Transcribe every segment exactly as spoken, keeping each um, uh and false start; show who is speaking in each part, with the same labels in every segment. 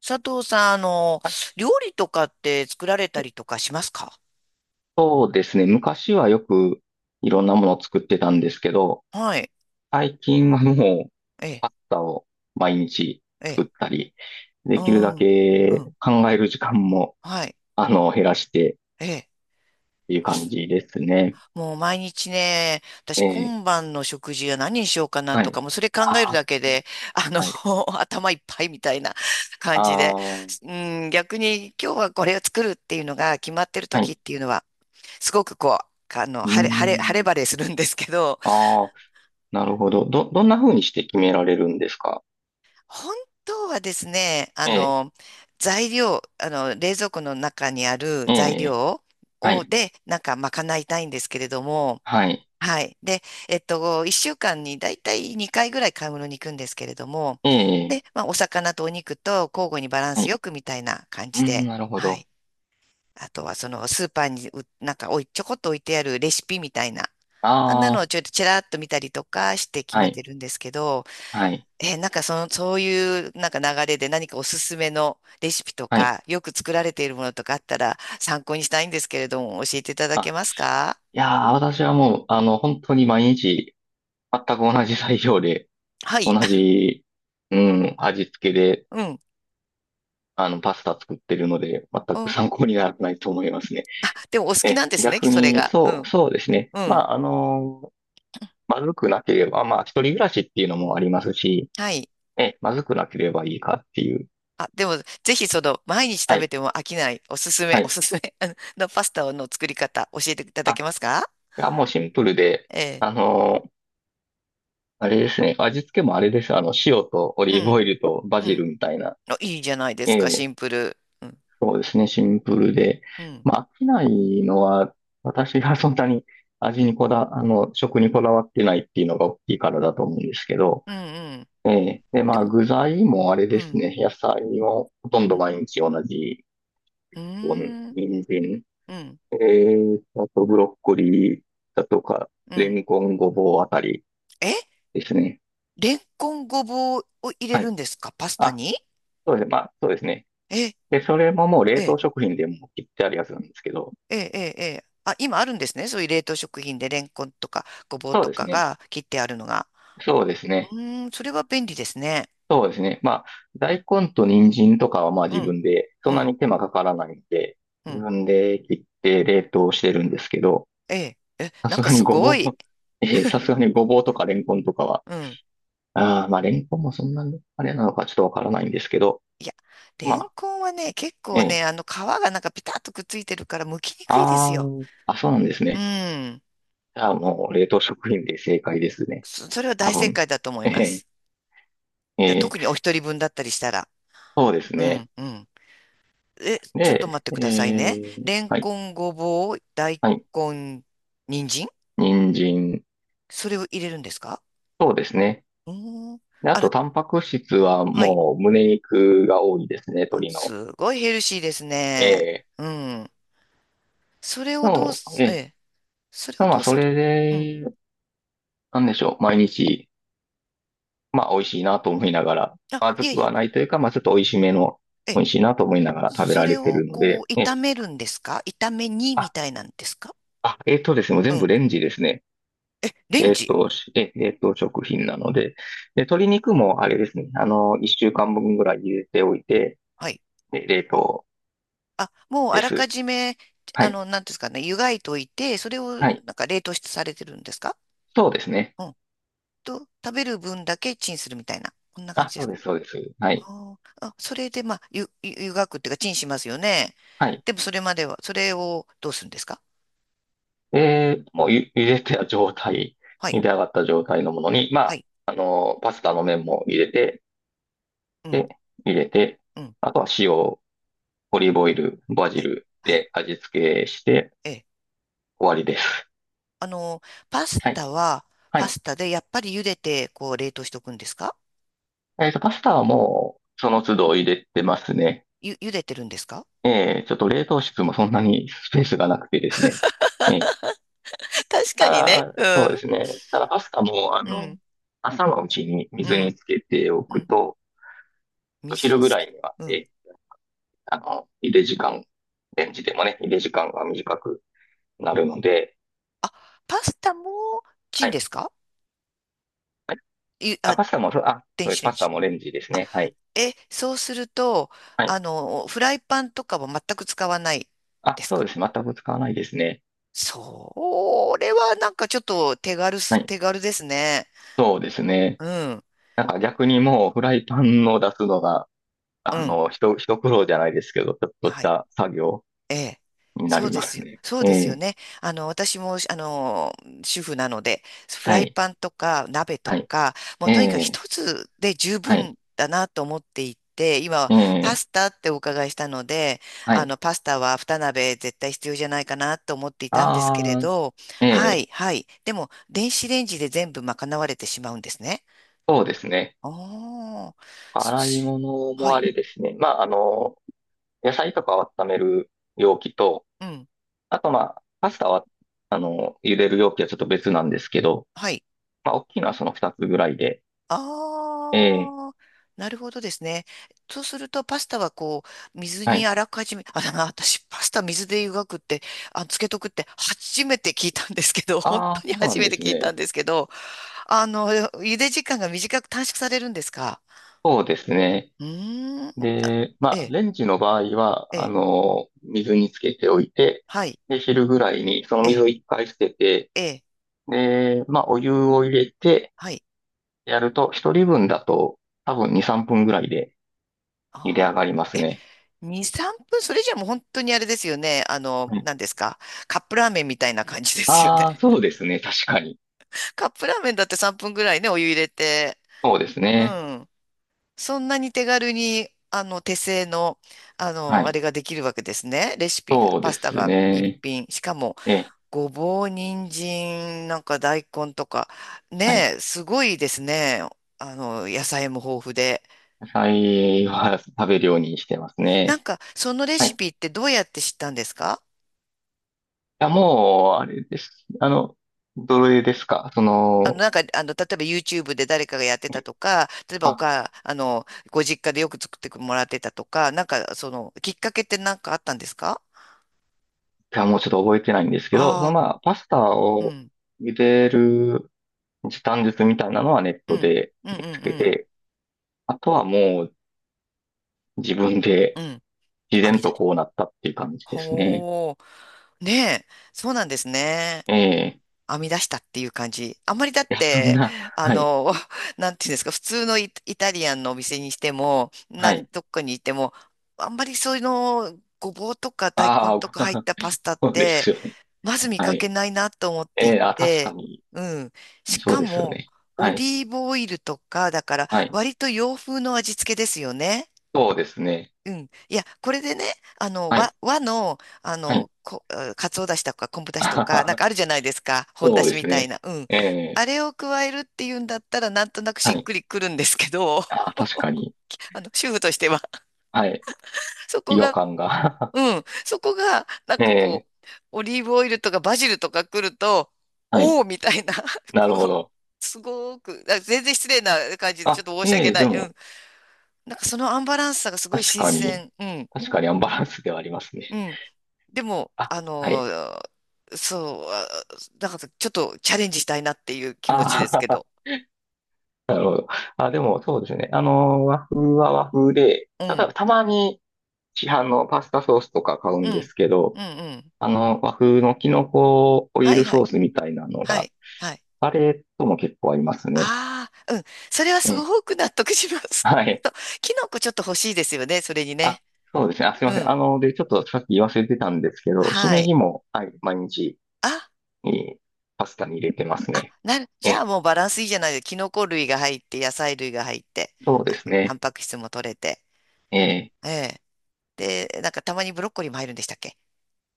Speaker 1: 佐藤さん、あの、
Speaker 2: はい、
Speaker 1: 料理とかって作られたりとかしますか？
Speaker 2: そうですね。昔はよくいろんなものを作ってたんですけど、
Speaker 1: はい。
Speaker 2: 最近はもう
Speaker 1: ええ、
Speaker 2: パスタを毎日
Speaker 1: え
Speaker 2: 作
Speaker 1: え、
Speaker 2: ったり、
Speaker 1: う
Speaker 2: できるだ
Speaker 1: ん、う
Speaker 2: け
Speaker 1: ん、
Speaker 2: 考える時間も、
Speaker 1: はい、
Speaker 2: あの、減らしてっ
Speaker 1: ええ。
Speaker 2: ていう
Speaker 1: あ
Speaker 2: 感
Speaker 1: す
Speaker 2: じですね。
Speaker 1: もう毎日ね、私
Speaker 2: ええ、
Speaker 1: 今晩の食事は何にしようかな
Speaker 2: は
Speaker 1: とか、
Speaker 2: い。
Speaker 1: もうそれ考える
Speaker 2: あー、
Speaker 1: だけで、あの、
Speaker 2: はい。
Speaker 1: 頭いっぱいみたいな 感
Speaker 2: あ
Speaker 1: じで、
Speaker 2: ー、
Speaker 1: うん、逆に今日はこれを作るっていうのが決まってる
Speaker 2: は
Speaker 1: 時
Speaker 2: い。
Speaker 1: っていうのは、すごくこう、あの、
Speaker 2: う
Speaker 1: 晴れ、晴れ、晴れ
Speaker 2: ーん。
Speaker 1: 晴れするんですけど、
Speaker 2: ああ、なるほど。ど、どんな風にして決められるんですか？
Speaker 1: 本当はですね、あ
Speaker 2: ええ、
Speaker 1: の、材料、あの、冷蔵庫の中にある
Speaker 2: え
Speaker 1: 材
Speaker 2: え、
Speaker 1: 料
Speaker 2: は
Speaker 1: を、
Speaker 2: い、
Speaker 1: で、なんか賄いたいんですけれども、
Speaker 2: はい、
Speaker 1: はい。で、えっと、いっしゅうかんにだいたいにかいぐらい買い物に行くんですけれども、
Speaker 2: ええ、
Speaker 1: で、まあ、お魚とお肉と交互にバラン
Speaker 2: は
Speaker 1: ス
Speaker 2: い。
Speaker 1: よくみたいな感
Speaker 2: うー
Speaker 1: じ
Speaker 2: ん、
Speaker 1: で、
Speaker 2: なるほ
Speaker 1: は
Speaker 2: ど。
Speaker 1: い。あとは、その、スーパーにう、なんかおい、ちょこっと置いてあるレシピみたいな、あんなのを
Speaker 2: あ
Speaker 1: ち
Speaker 2: あ、
Speaker 1: ょっとちらっと見たりとかして決
Speaker 2: は
Speaker 1: め
Speaker 2: い。
Speaker 1: てるんですけど、
Speaker 2: はい。
Speaker 1: えーなんかその、そういうなんか流れで何かおすすめのレシピと
Speaker 2: はい。
Speaker 1: か、よく作られているものとかあったら参考にしたいんですけれども、教えていただけ
Speaker 2: あ、
Speaker 1: ますか？
Speaker 2: いやー、私はもう、あの、本当に毎日、全く同じ材料で、
Speaker 1: は
Speaker 2: 同
Speaker 1: い。
Speaker 2: じ、うん、味付けで、
Speaker 1: うん。
Speaker 2: あの、パスタ作ってるので、全
Speaker 1: う
Speaker 2: く
Speaker 1: ん。
Speaker 2: 参考にならないと思いますね。
Speaker 1: でもお好き
Speaker 2: え、
Speaker 1: なんですね、
Speaker 2: 逆
Speaker 1: それ
Speaker 2: に、
Speaker 1: が。う
Speaker 2: そう、
Speaker 1: ん。
Speaker 2: そうですね。
Speaker 1: う
Speaker 2: ま
Speaker 1: ん。
Speaker 2: あ、あの、まずくなければ、まあ、一人暮らしっていうのもありますし、
Speaker 1: はい。
Speaker 2: え、まずくなければいいかっていう。
Speaker 1: あ、でも、ぜひその、毎日
Speaker 2: は
Speaker 1: 食べ
Speaker 2: い。
Speaker 1: ても飽きない、おすすめ、
Speaker 2: は
Speaker 1: お
Speaker 2: い。
Speaker 1: すすめ あののパスタの作り方、教えていただ
Speaker 2: あ、
Speaker 1: けますか？
Speaker 2: いや、もうシンプルで、
Speaker 1: ええ、
Speaker 2: あのあれですね。味付けもあれです。あの、塩とオ
Speaker 1: う
Speaker 2: リーブ
Speaker 1: ん。
Speaker 2: オイルとバ
Speaker 1: う
Speaker 2: ジル
Speaker 1: ん。
Speaker 2: みたいな。
Speaker 1: あ、いいじゃないで
Speaker 2: え
Speaker 1: すか、シ
Speaker 2: え、
Speaker 1: ンプル。うん。
Speaker 2: そうですね。シンプルで。
Speaker 1: うん。
Speaker 2: まあ、飽きないのは、私がそんなに味にこだ、あの、食にこだわってないっていうのが大きいからだと思うんですけど。
Speaker 1: うん。うん。
Speaker 2: ええ、で、
Speaker 1: で
Speaker 2: まあ、
Speaker 1: も、
Speaker 2: 具材もあれ
Speaker 1: う
Speaker 2: です
Speaker 1: ん。
Speaker 2: ね。野菜もほとん
Speaker 1: う
Speaker 2: ど
Speaker 1: ん。
Speaker 2: 毎日同じ。
Speaker 1: う
Speaker 2: こう
Speaker 1: ーん。
Speaker 2: 人参、
Speaker 1: うん。
Speaker 2: ええ、あとブロッコリーだとか、
Speaker 1: う
Speaker 2: レ
Speaker 1: ん。
Speaker 2: ンコン、ごぼうあたり
Speaker 1: え
Speaker 2: ですね。
Speaker 1: レンコンごぼうを入れ
Speaker 2: は
Speaker 1: る
Speaker 2: い。
Speaker 1: んですかパスタ
Speaker 2: あ、
Speaker 1: に？
Speaker 2: そうですね。まあ、そうですね。
Speaker 1: え、
Speaker 2: で、それももう冷
Speaker 1: え、
Speaker 2: 凍食品でも切ってあるやつなんですけど、
Speaker 1: え、え、え、あ、今あるんですね。そういう冷凍食品でレンコンとかごぼう
Speaker 2: そう
Speaker 1: と
Speaker 2: です
Speaker 1: か
Speaker 2: ね。
Speaker 1: が切ってあるのが。
Speaker 2: そうですね。
Speaker 1: うーん、それは便利ですね。
Speaker 2: そうですね。まあ、大根と人参とかはまあ
Speaker 1: う
Speaker 2: 自
Speaker 1: ん、
Speaker 2: 分で、そ
Speaker 1: う
Speaker 2: んな
Speaker 1: ん、
Speaker 2: に手間かからないんで、
Speaker 1: う
Speaker 2: 自
Speaker 1: ん。
Speaker 2: 分で切って冷凍してるんですけど、
Speaker 1: ええ、え、
Speaker 2: さ
Speaker 1: なん
Speaker 2: す
Speaker 1: か
Speaker 2: がに
Speaker 1: す
Speaker 2: ごぼ
Speaker 1: ごい。
Speaker 2: う、えーさすがにごぼうとかレンコンとかは、
Speaker 1: うん。
Speaker 2: ああ、まあレンコンもそんなにあれなのかちょっとわからないんですけど、
Speaker 1: いや、
Speaker 2: ま
Speaker 1: レン
Speaker 2: あ、
Speaker 1: コンはね、結
Speaker 2: え
Speaker 1: 構
Speaker 2: え、
Speaker 1: ね、あの皮がなんかピタッとくっついてるから剥きにくいで
Speaker 2: あ
Speaker 1: すよ。
Speaker 2: ーあ、そうなんです
Speaker 1: う
Speaker 2: ね。
Speaker 1: ん。
Speaker 2: じゃあもう冷凍食品で正解ですね。
Speaker 1: そ、それは
Speaker 2: 多
Speaker 1: 大正
Speaker 2: 分。
Speaker 1: 解だと思い
Speaker 2: え
Speaker 1: ま
Speaker 2: え、
Speaker 1: す。
Speaker 2: え
Speaker 1: え
Speaker 2: え、
Speaker 1: 特にお一人分だったりしたら。
Speaker 2: そうです
Speaker 1: う
Speaker 2: ね。
Speaker 1: ん、うん。え、ちょっと
Speaker 2: で、
Speaker 1: 待って
Speaker 2: え
Speaker 1: くださいね。
Speaker 2: ー、
Speaker 1: レン
Speaker 2: はい、
Speaker 1: コン、ごぼう、大
Speaker 2: はい、
Speaker 1: 根、人参、
Speaker 2: 人参、
Speaker 1: それを入れるんですか？
Speaker 2: そうですね。
Speaker 1: うーん。
Speaker 2: で、あ
Speaker 1: あの、
Speaker 2: と、タンパク質は
Speaker 1: はい。
Speaker 2: もう、胸肉が多いですね、
Speaker 1: あ、
Speaker 2: 鶏の。
Speaker 1: すごいヘルシーですね。
Speaker 2: ええ、
Speaker 1: うん。それ
Speaker 2: で
Speaker 1: をどう
Speaker 2: も、
Speaker 1: す、
Speaker 2: え
Speaker 1: え
Speaker 2: え、
Speaker 1: え、それを
Speaker 2: まあ、
Speaker 1: どう
Speaker 2: そ
Speaker 1: され
Speaker 2: れ
Speaker 1: うん。
Speaker 2: で、なんでしょう、毎日、まあ、美味しいなと思いながら、
Speaker 1: あ、
Speaker 2: ま
Speaker 1: い
Speaker 2: ず
Speaker 1: え
Speaker 2: く
Speaker 1: い
Speaker 2: はないというか、まあ、ちょっと美味しめの、
Speaker 1: え、ええ、
Speaker 2: 美味しいなと思いながら食べ
Speaker 1: そ
Speaker 2: ら
Speaker 1: れ
Speaker 2: れて
Speaker 1: を
Speaker 2: るの
Speaker 1: こ
Speaker 2: で、
Speaker 1: う、
Speaker 2: え
Speaker 1: 炒
Speaker 2: え。
Speaker 1: めるんですか、炒め煮み
Speaker 2: あ、
Speaker 1: たいなんですか？
Speaker 2: あ、えっとですね、もう
Speaker 1: う
Speaker 2: 全部
Speaker 1: ん。
Speaker 2: レンジですね。
Speaker 1: え、レン
Speaker 2: えっ
Speaker 1: ジ？
Speaker 2: と、しえ、えっと、食品なので、で、鶏肉もあれですね、あの、一週間分ぐらい入れておいて、
Speaker 1: はい。
Speaker 2: で冷凍
Speaker 1: あ、もうあ
Speaker 2: で
Speaker 1: らか
Speaker 2: す。
Speaker 1: じめ、
Speaker 2: は
Speaker 1: あ
Speaker 2: い。
Speaker 1: の、なんていうんですかね、湯がいといて、それを
Speaker 2: はい。
Speaker 1: なんか冷凍してされてるんですか？
Speaker 2: そうですね。
Speaker 1: うん。と、食べる分だけチンするみたいな。こんな感
Speaker 2: あ、
Speaker 1: じで
Speaker 2: そう
Speaker 1: すか。
Speaker 2: です、そうです。はい。
Speaker 1: あーあ、それで、まあ、ゆ、ゆ湯がくっていうか、チンしますよね。
Speaker 2: はい。
Speaker 1: でも、それまでは、それをどうするんですか？
Speaker 2: で、もうゆ、茹でた状態、
Speaker 1: は
Speaker 2: 茹
Speaker 1: い、
Speaker 2: で上がった状態のものに、ま
Speaker 1: は
Speaker 2: あ、
Speaker 1: い、
Speaker 2: あの、パスタの麺も入れて、
Speaker 1: うん、
Speaker 2: で、入れて、
Speaker 1: うん、
Speaker 2: あとは塩、オリーブオイル、バジ
Speaker 1: はい、
Speaker 2: ル
Speaker 1: はい、
Speaker 2: で味付けして
Speaker 1: ええ。
Speaker 2: 終わりです。
Speaker 1: あの、パス
Speaker 2: はい。
Speaker 1: タは、
Speaker 2: は
Speaker 1: パ
Speaker 2: い。
Speaker 1: スタで、やっぱり茹でて、こう、冷凍しとくんですか？
Speaker 2: えっと、パスタはもう、その都度入れてますね。
Speaker 1: ゆ、茹でてるんですか？
Speaker 2: ええ、ちょっと冷凍室もそんなにスペースがなくてですね。ええ、
Speaker 1: 確かにね。
Speaker 2: あ
Speaker 1: う
Speaker 2: あ、そうで
Speaker 1: ん。
Speaker 2: すね。ただパスタも、あ
Speaker 1: う
Speaker 2: の、
Speaker 1: ん、
Speaker 2: 朝のうちに
Speaker 1: う
Speaker 2: 水
Speaker 1: ん、
Speaker 2: につけてお
Speaker 1: う
Speaker 2: く
Speaker 1: ん。
Speaker 2: と、お
Speaker 1: 水
Speaker 2: 昼
Speaker 1: に
Speaker 2: ぐ
Speaker 1: つ
Speaker 2: ら
Speaker 1: け、
Speaker 2: いには、
Speaker 1: うん。
Speaker 2: え、あの、茹で時間、レンジでもね、茹で時間が短くなるので、
Speaker 1: あ、パスタもチ
Speaker 2: は
Speaker 1: ン
Speaker 2: い。
Speaker 1: ですか？
Speaker 2: はい、
Speaker 1: い、
Speaker 2: あ、
Speaker 1: あ、
Speaker 2: パスタも、そうあ、
Speaker 1: 電
Speaker 2: そうで
Speaker 1: 子
Speaker 2: す。
Speaker 1: レ
Speaker 2: パ
Speaker 1: ン
Speaker 2: スタ
Speaker 1: ジ。
Speaker 2: もレンジですね。はい。
Speaker 1: え、そうすると、
Speaker 2: はい。
Speaker 1: あの、フライパンとかは全く使わないで
Speaker 2: あ、
Speaker 1: す
Speaker 2: そう
Speaker 1: か？
Speaker 2: です。全く使わないですね。
Speaker 1: それはなんかちょっと手軽
Speaker 2: は
Speaker 1: す、
Speaker 2: い。
Speaker 1: 手軽ですね。
Speaker 2: そうですね。
Speaker 1: うん、
Speaker 2: なんか逆にもうフライパンを出すのが、
Speaker 1: う
Speaker 2: あ
Speaker 1: ん。
Speaker 2: の、ひと、ひと苦労じゃないですけど、ちょっとし
Speaker 1: はい。
Speaker 2: た作業
Speaker 1: ええ。
Speaker 2: にな
Speaker 1: そう
Speaker 2: り
Speaker 1: で
Speaker 2: ま
Speaker 1: す
Speaker 2: す
Speaker 1: よ。
Speaker 2: ね。
Speaker 1: そう
Speaker 2: え
Speaker 1: ですよ
Speaker 2: え。
Speaker 1: ね。あの、私も、あの、主婦なので、フ
Speaker 2: は
Speaker 1: ライ
Speaker 2: い。
Speaker 1: パンとか鍋と
Speaker 2: はい。
Speaker 1: か、もう
Speaker 2: え
Speaker 1: とにかく
Speaker 2: え。
Speaker 1: 一つで十
Speaker 2: はい。
Speaker 1: 分だなと思っていて、今、
Speaker 2: え
Speaker 1: パ
Speaker 2: え、
Speaker 1: スタってお伺いしたので、
Speaker 2: は
Speaker 1: あ
Speaker 2: い。
Speaker 1: の、パスタは二鍋絶対必要じゃないかなと思っていたんですけれ
Speaker 2: ああ、
Speaker 1: ど、
Speaker 2: え
Speaker 1: は
Speaker 2: え、
Speaker 1: い、はい。でも、電子レンジで全部賄われてしまうんですね。
Speaker 2: そうですね。
Speaker 1: おあ、
Speaker 2: 洗い
Speaker 1: す
Speaker 2: 物
Speaker 1: は
Speaker 2: もあ
Speaker 1: い。
Speaker 2: れですね。まあ、あの、野菜とかを温める容器と、
Speaker 1: うん。
Speaker 2: あとまあ、パスタは、あの、茹でる容器はちょっと別なんですけど、
Speaker 1: はい。
Speaker 2: まあ、大きいのはその二つぐらいで。ええ、
Speaker 1: ああ、なるほどですね。そうすると、パスタはこう、水
Speaker 2: は
Speaker 1: に
Speaker 2: い。
Speaker 1: あらかじめ、あ、だな、私、パスタ水で湯がくって、あ、つけとくって、初めて聞いたんですけど、本
Speaker 2: ああ、
Speaker 1: 当に
Speaker 2: そうな
Speaker 1: 初
Speaker 2: ん
Speaker 1: め
Speaker 2: で
Speaker 1: て
Speaker 2: す
Speaker 1: 聞いた
Speaker 2: ね。
Speaker 1: んですけど、あの、茹で時間が短く短縮されるんですか？
Speaker 2: そうですね。
Speaker 1: うーん、だ
Speaker 2: で、
Speaker 1: え
Speaker 2: まあ、
Speaker 1: え、
Speaker 2: レンジの場合は、
Speaker 1: え
Speaker 2: あ
Speaker 1: え、
Speaker 2: の、水につけておいて、
Speaker 1: はい、
Speaker 2: で、昼ぐらいにその
Speaker 1: え
Speaker 2: 水
Speaker 1: え、
Speaker 2: を一回捨てて、
Speaker 1: ええ、
Speaker 2: で、まあ、お湯を入れて、
Speaker 1: はい。
Speaker 2: やると、一人分だと多分に、さんぷんぐらいで茹で
Speaker 1: あ
Speaker 2: 上
Speaker 1: あ、
Speaker 2: がりますね。
Speaker 1: に、さんぷん、それじゃもう本当にあれですよね。あの、
Speaker 2: はい。
Speaker 1: 何ですか。カップラーメンみたいな感じですよね。
Speaker 2: ああ、そうですね。確かに。
Speaker 1: カップラーメンだってさんぷんぐらいね、お湯入れて、
Speaker 2: そうです
Speaker 1: う
Speaker 2: ね。
Speaker 1: ん。そんなに手軽に、あの、手製の、あ
Speaker 2: は
Speaker 1: の、あ
Speaker 2: い。
Speaker 1: れができるわけですね。レシピが、
Speaker 2: そう
Speaker 1: パ
Speaker 2: で
Speaker 1: スタ
Speaker 2: す
Speaker 1: が一
Speaker 2: ね。
Speaker 1: 品。しかも、
Speaker 2: ええ、
Speaker 1: ごぼう、人参、なんか大根とか、
Speaker 2: はい。
Speaker 1: ねえ、すごいですね。あの、野菜も豊富で。
Speaker 2: 野菜は食べるようにしてます
Speaker 1: なん
Speaker 2: ね。
Speaker 1: か、そのレ
Speaker 2: はい。
Speaker 1: シ
Speaker 2: い
Speaker 1: ピってどうやって知ったんですか？
Speaker 2: や、もう、あれです。あの、どれですかそ
Speaker 1: あの、
Speaker 2: の、
Speaker 1: なんか、あの、例えば YouTube で誰かがやってたとか、例えばお
Speaker 2: あ、
Speaker 1: か、あの、ご実家でよく作ってもらってたとか、なんか、その、きっかけってなんかあったんですか？
Speaker 2: じゃあもうちょっと覚えてないんですけど、そ
Speaker 1: あ
Speaker 2: のまあ、パスタ
Speaker 1: あー、う
Speaker 2: を
Speaker 1: ん。
Speaker 2: 茹でる時短術みたいなのはネッ
Speaker 1: う
Speaker 2: ト
Speaker 1: ん、
Speaker 2: で
Speaker 1: うん、うん、
Speaker 2: 見つけ
Speaker 1: うん、
Speaker 2: て、あとはもう自分
Speaker 1: う
Speaker 2: で
Speaker 1: ん、編
Speaker 2: 自然
Speaker 1: み出
Speaker 2: と
Speaker 1: し。
Speaker 2: こうなったっていう感じですね。
Speaker 1: ほう、ねえ、そうなんですね。
Speaker 2: ええ、
Speaker 1: 編み出したっていう感じ。あんまりだっ
Speaker 2: いや、そん
Speaker 1: て、
Speaker 2: な、
Speaker 1: あ
Speaker 2: はい、
Speaker 1: の、なんていうんですか、普通のイ、イタリアンのお店にしても、
Speaker 2: は
Speaker 1: 何、
Speaker 2: い。
Speaker 1: どっかにいても、あんまりそういうの、ごぼうとか大根
Speaker 2: あ
Speaker 1: と
Speaker 2: あ、
Speaker 1: か入ったパスタっ
Speaker 2: そうで
Speaker 1: て、
Speaker 2: すよね。
Speaker 1: まず見
Speaker 2: は
Speaker 1: かけ
Speaker 2: い。
Speaker 1: ないなと思って
Speaker 2: え
Speaker 1: い
Speaker 2: え、あ、確か
Speaker 1: て、
Speaker 2: に、
Speaker 1: うん。し
Speaker 2: そう
Speaker 1: か
Speaker 2: ですよ
Speaker 1: も、
Speaker 2: ね。
Speaker 1: オ
Speaker 2: はい、
Speaker 1: リーブオイルとか、だから、
Speaker 2: はい。
Speaker 1: 割と洋風の味付けですよね。
Speaker 2: そうですね。
Speaker 1: うん。いや、これでね、あの、
Speaker 2: はい、
Speaker 1: 和、和の、あ
Speaker 2: はい。
Speaker 1: の、こ、あかつおだしとか昆布 だし
Speaker 2: あ
Speaker 1: と
Speaker 2: は
Speaker 1: か、なん
Speaker 2: は、
Speaker 1: かあるじゃないですか。本だ
Speaker 2: そうで
Speaker 1: しみ
Speaker 2: す
Speaker 1: たい
Speaker 2: ね。
Speaker 1: な。うん。
Speaker 2: え
Speaker 1: あ
Speaker 2: え、
Speaker 1: れを加えるっていうんだったら、なんとなくし
Speaker 2: は
Speaker 1: っ
Speaker 2: い。
Speaker 1: くりくるんですけど、
Speaker 2: あ、確かに、
Speaker 1: あの、主婦としては、
Speaker 2: はい。
Speaker 1: そこ
Speaker 2: 違和
Speaker 1: が、
Speaker 2: 感が。
Speaker 1: うん、そこが、なんかこ
Speaker 2: ええ、
Speaker 1: う、オリーブオイルとかバジルとか来ると、
Speaker 2: はい。
Speaker 1: おおみたいな、
Speaker 2: なるほ
Speaker 1: こう、
Speaker 2: ど。
Speaker 1: すごく、あ全然失礼な感じで、ちょ
Speaker 2: あ、
Speaker 1: っと申し
Speaker 2: え
Speaker 1: 訳
Speaker 2: え、
Speaker 1: な
Speaker 2: で
Speaker 1: い。う
Speaker 2: も、
Speaker 1: ん。なんかそのアンバランスさがすごい
Speaker 2: 確
Speaker 1: 新
Speaker 2: かに、
Speaker 1: 鮮。うん。
Speaker 2: 確かにアンバランスではありますね。
Speaker 1: うん。でも、
Speaker 2: あ、
Speaker 1: あ
Speaker 2: は
Speaker 1: の
Speaker 2: い。
Speaker 1: ー、そう、あだからちょっとチャレンジしたいなっていう気持ちで
Speaker 2: あ
Speaker 1: すけ
Speaker 2: あ、
Speaker 1: ど。
Speaker 2: なるほど。あ、でも、そうですね。あの、和風は和風で、
Speaker 1: う
Speaker 2: た
Speaker 1: ん、
Speaker 2: だ、たまに市販のパスタソースとか買う
Speaker 1: う
Speaker 2: んで
Speaker 1: ん、
Speaker 2: すけ
Speaker 1: う
Speaker 2: ど、
Speaker 1: ん、うん。
Speaker 2: あの、和風のキノコオイ
Speaker 1: は
Speaker 2: ル
Speaker 1: いは
Speaker 2: ソー
Speaker 1: い、
Speaker 2: スみたいなの
Speaker 1: は
Speaker 2: が、
Speaker 1: い、はい。
Speaker 2: あれとも結構ありますね。
Speaker 1: ああ、うん。それは
Speaker 2: え
Speaker 1: す
Speaker 2: え、
Speaker 1: ごく納得します。
Speaker 2: は い。
Speaker 1: と、キノコちょっと欲しいですよね、それに
Speaker 2: あ、
Speaker 1: ね。
Speaker 2: そうですね。あ、すい
Speaker 1: う
Speaker 2: ません。あ
Speaker 1: ん。
Speaker 2: の、で、ちょっとさっき言わせてたんですけど、し
Speaker 1: は
Speaker 2: め
Speaker 1: い。
Speaker 2: じも、はい、毎日、
Speaker 1: あ、
Speaker 2: えーパスタに入れてます
Speaker 1: あ、
Speaker 2: ね。
Speaker 1: なる。じゃあ
Speaker 2: え、
Speaker 1: もうバランスいいじゃないですか。キノコ類が入って、野菜類が入って、
Speaker 2: そう
Speaker 1: あ
Speaker 2: です
Speaker 1: の、タン
Speaker 2: ね。
Speaker 1: パク質も取れて。
Speaker 2: えー
Speaker 1: ええ。で、なんかたまにブロッコリーも入るんでしたっけ？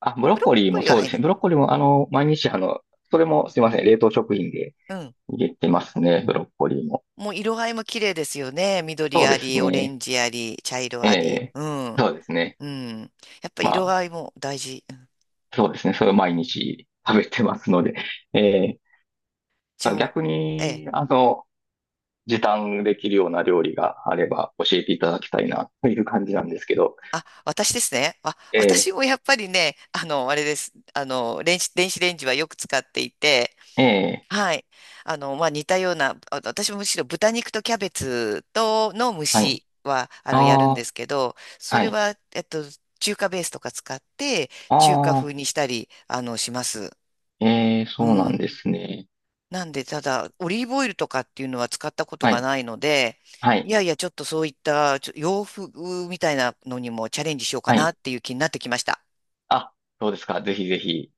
Speaker 2: あ、ブロ
Speaker 1: ブ
Speaker 2: ッ
Speaker 1: ロッ
Speaker 2: コリー
Speaker 1: コ
Speaker 2: も
Speaker 1: リーは
Speaker 2: そうで
Speaker 1: 入
Speaker 2: す
Speaker 1: ら
Speaker 2: ね。ブロッコリーも、あの、毎日、あの、それもすいません。冷凍食品で、
Speaker 1: ない。
Speaker 2: 入れてますね、ブロッコリーも。
Speaker 1: もう色合いも綺麗ですよね。緑
Speaker 2: そう
Speaker 1: あ
Speaker 2: です
Speaker 1: り、オレ
Speaker 2: ね。
Speaker 1: ンジあり、茶色
Speaker 2: え
Speaker 1: あり。
Speaker 2: え、
Speaker 1: うん。
Speaker 2: そうですね。
Speaker 1: うん。やっぱ
Speaker 2: ま
Speaker 1: 色
Speaker 2: あ、
Speaker 1: 合いも大事。うん。
Speaker 2: そうですね。それを毎日食べてますので。ええ、
Speaker 1: じ
Speaker 2: ま
Speaker 1: ゃあ
Speaker 2: あ
Speaker 1: もう、
Speaker 2: 逆
Speaker 1: ええ。
Speaker 2: に、あの、時短できるような料理があれば教えていただきたいな、という感じなんですけど。
Speaker 1: あ、私ですね。あ、
Speaker 2: え
Speaker 1: 私
Speaker 2: え、
Speaker 1: もやっぱりね、あの、あれです。あの、電子、電子レンジはよく使っていて、
Speaker 2: ええ、
Speaker 1: はい。あの、まあ、似たような、あ私もむしろ豚肉とキャベツとの蒸
Speaker 2: はい。
Speaker 1: しは、あの、やる
Speaker 2: あ
Speaker 1: んで
Speaker 2: あ、
Speaker 1: すけど、そ
Speaker 2: は
Speaker 1: れ
Speaker 2: い。
Speaker 1: は、えっと、中華ベースとか使って、
Speaker 2: あ
Speaker 1: 中華
Speaker 2: あ、
Speaker 1: 風にしたり、あの、します。
Speaker 2: ええ、
Speaker 1: う
Speaker 2: そうなん
Speaker 1: ん。
Speaker 2: ですね。
Speaker 1: なんで、ただ、オリーブオイルとかっていうのは使ったこと
Speaker 2: は
Speaker 1: が
Speaker 2: い、
Speaker 1: ないので、
Speaker 2: は
Speaker 1: い
Speaker 2: い、
Speaker 1: やいや、ちょっとそういったちょ洋風みたいなのにもチャレンジしようか
Speaker 2: は
Speaker 1: な
Speaker 2: い。
Speaker 1: っていう気になってきました。
Speaker 2: あ、そうですか。ぜひぜひ。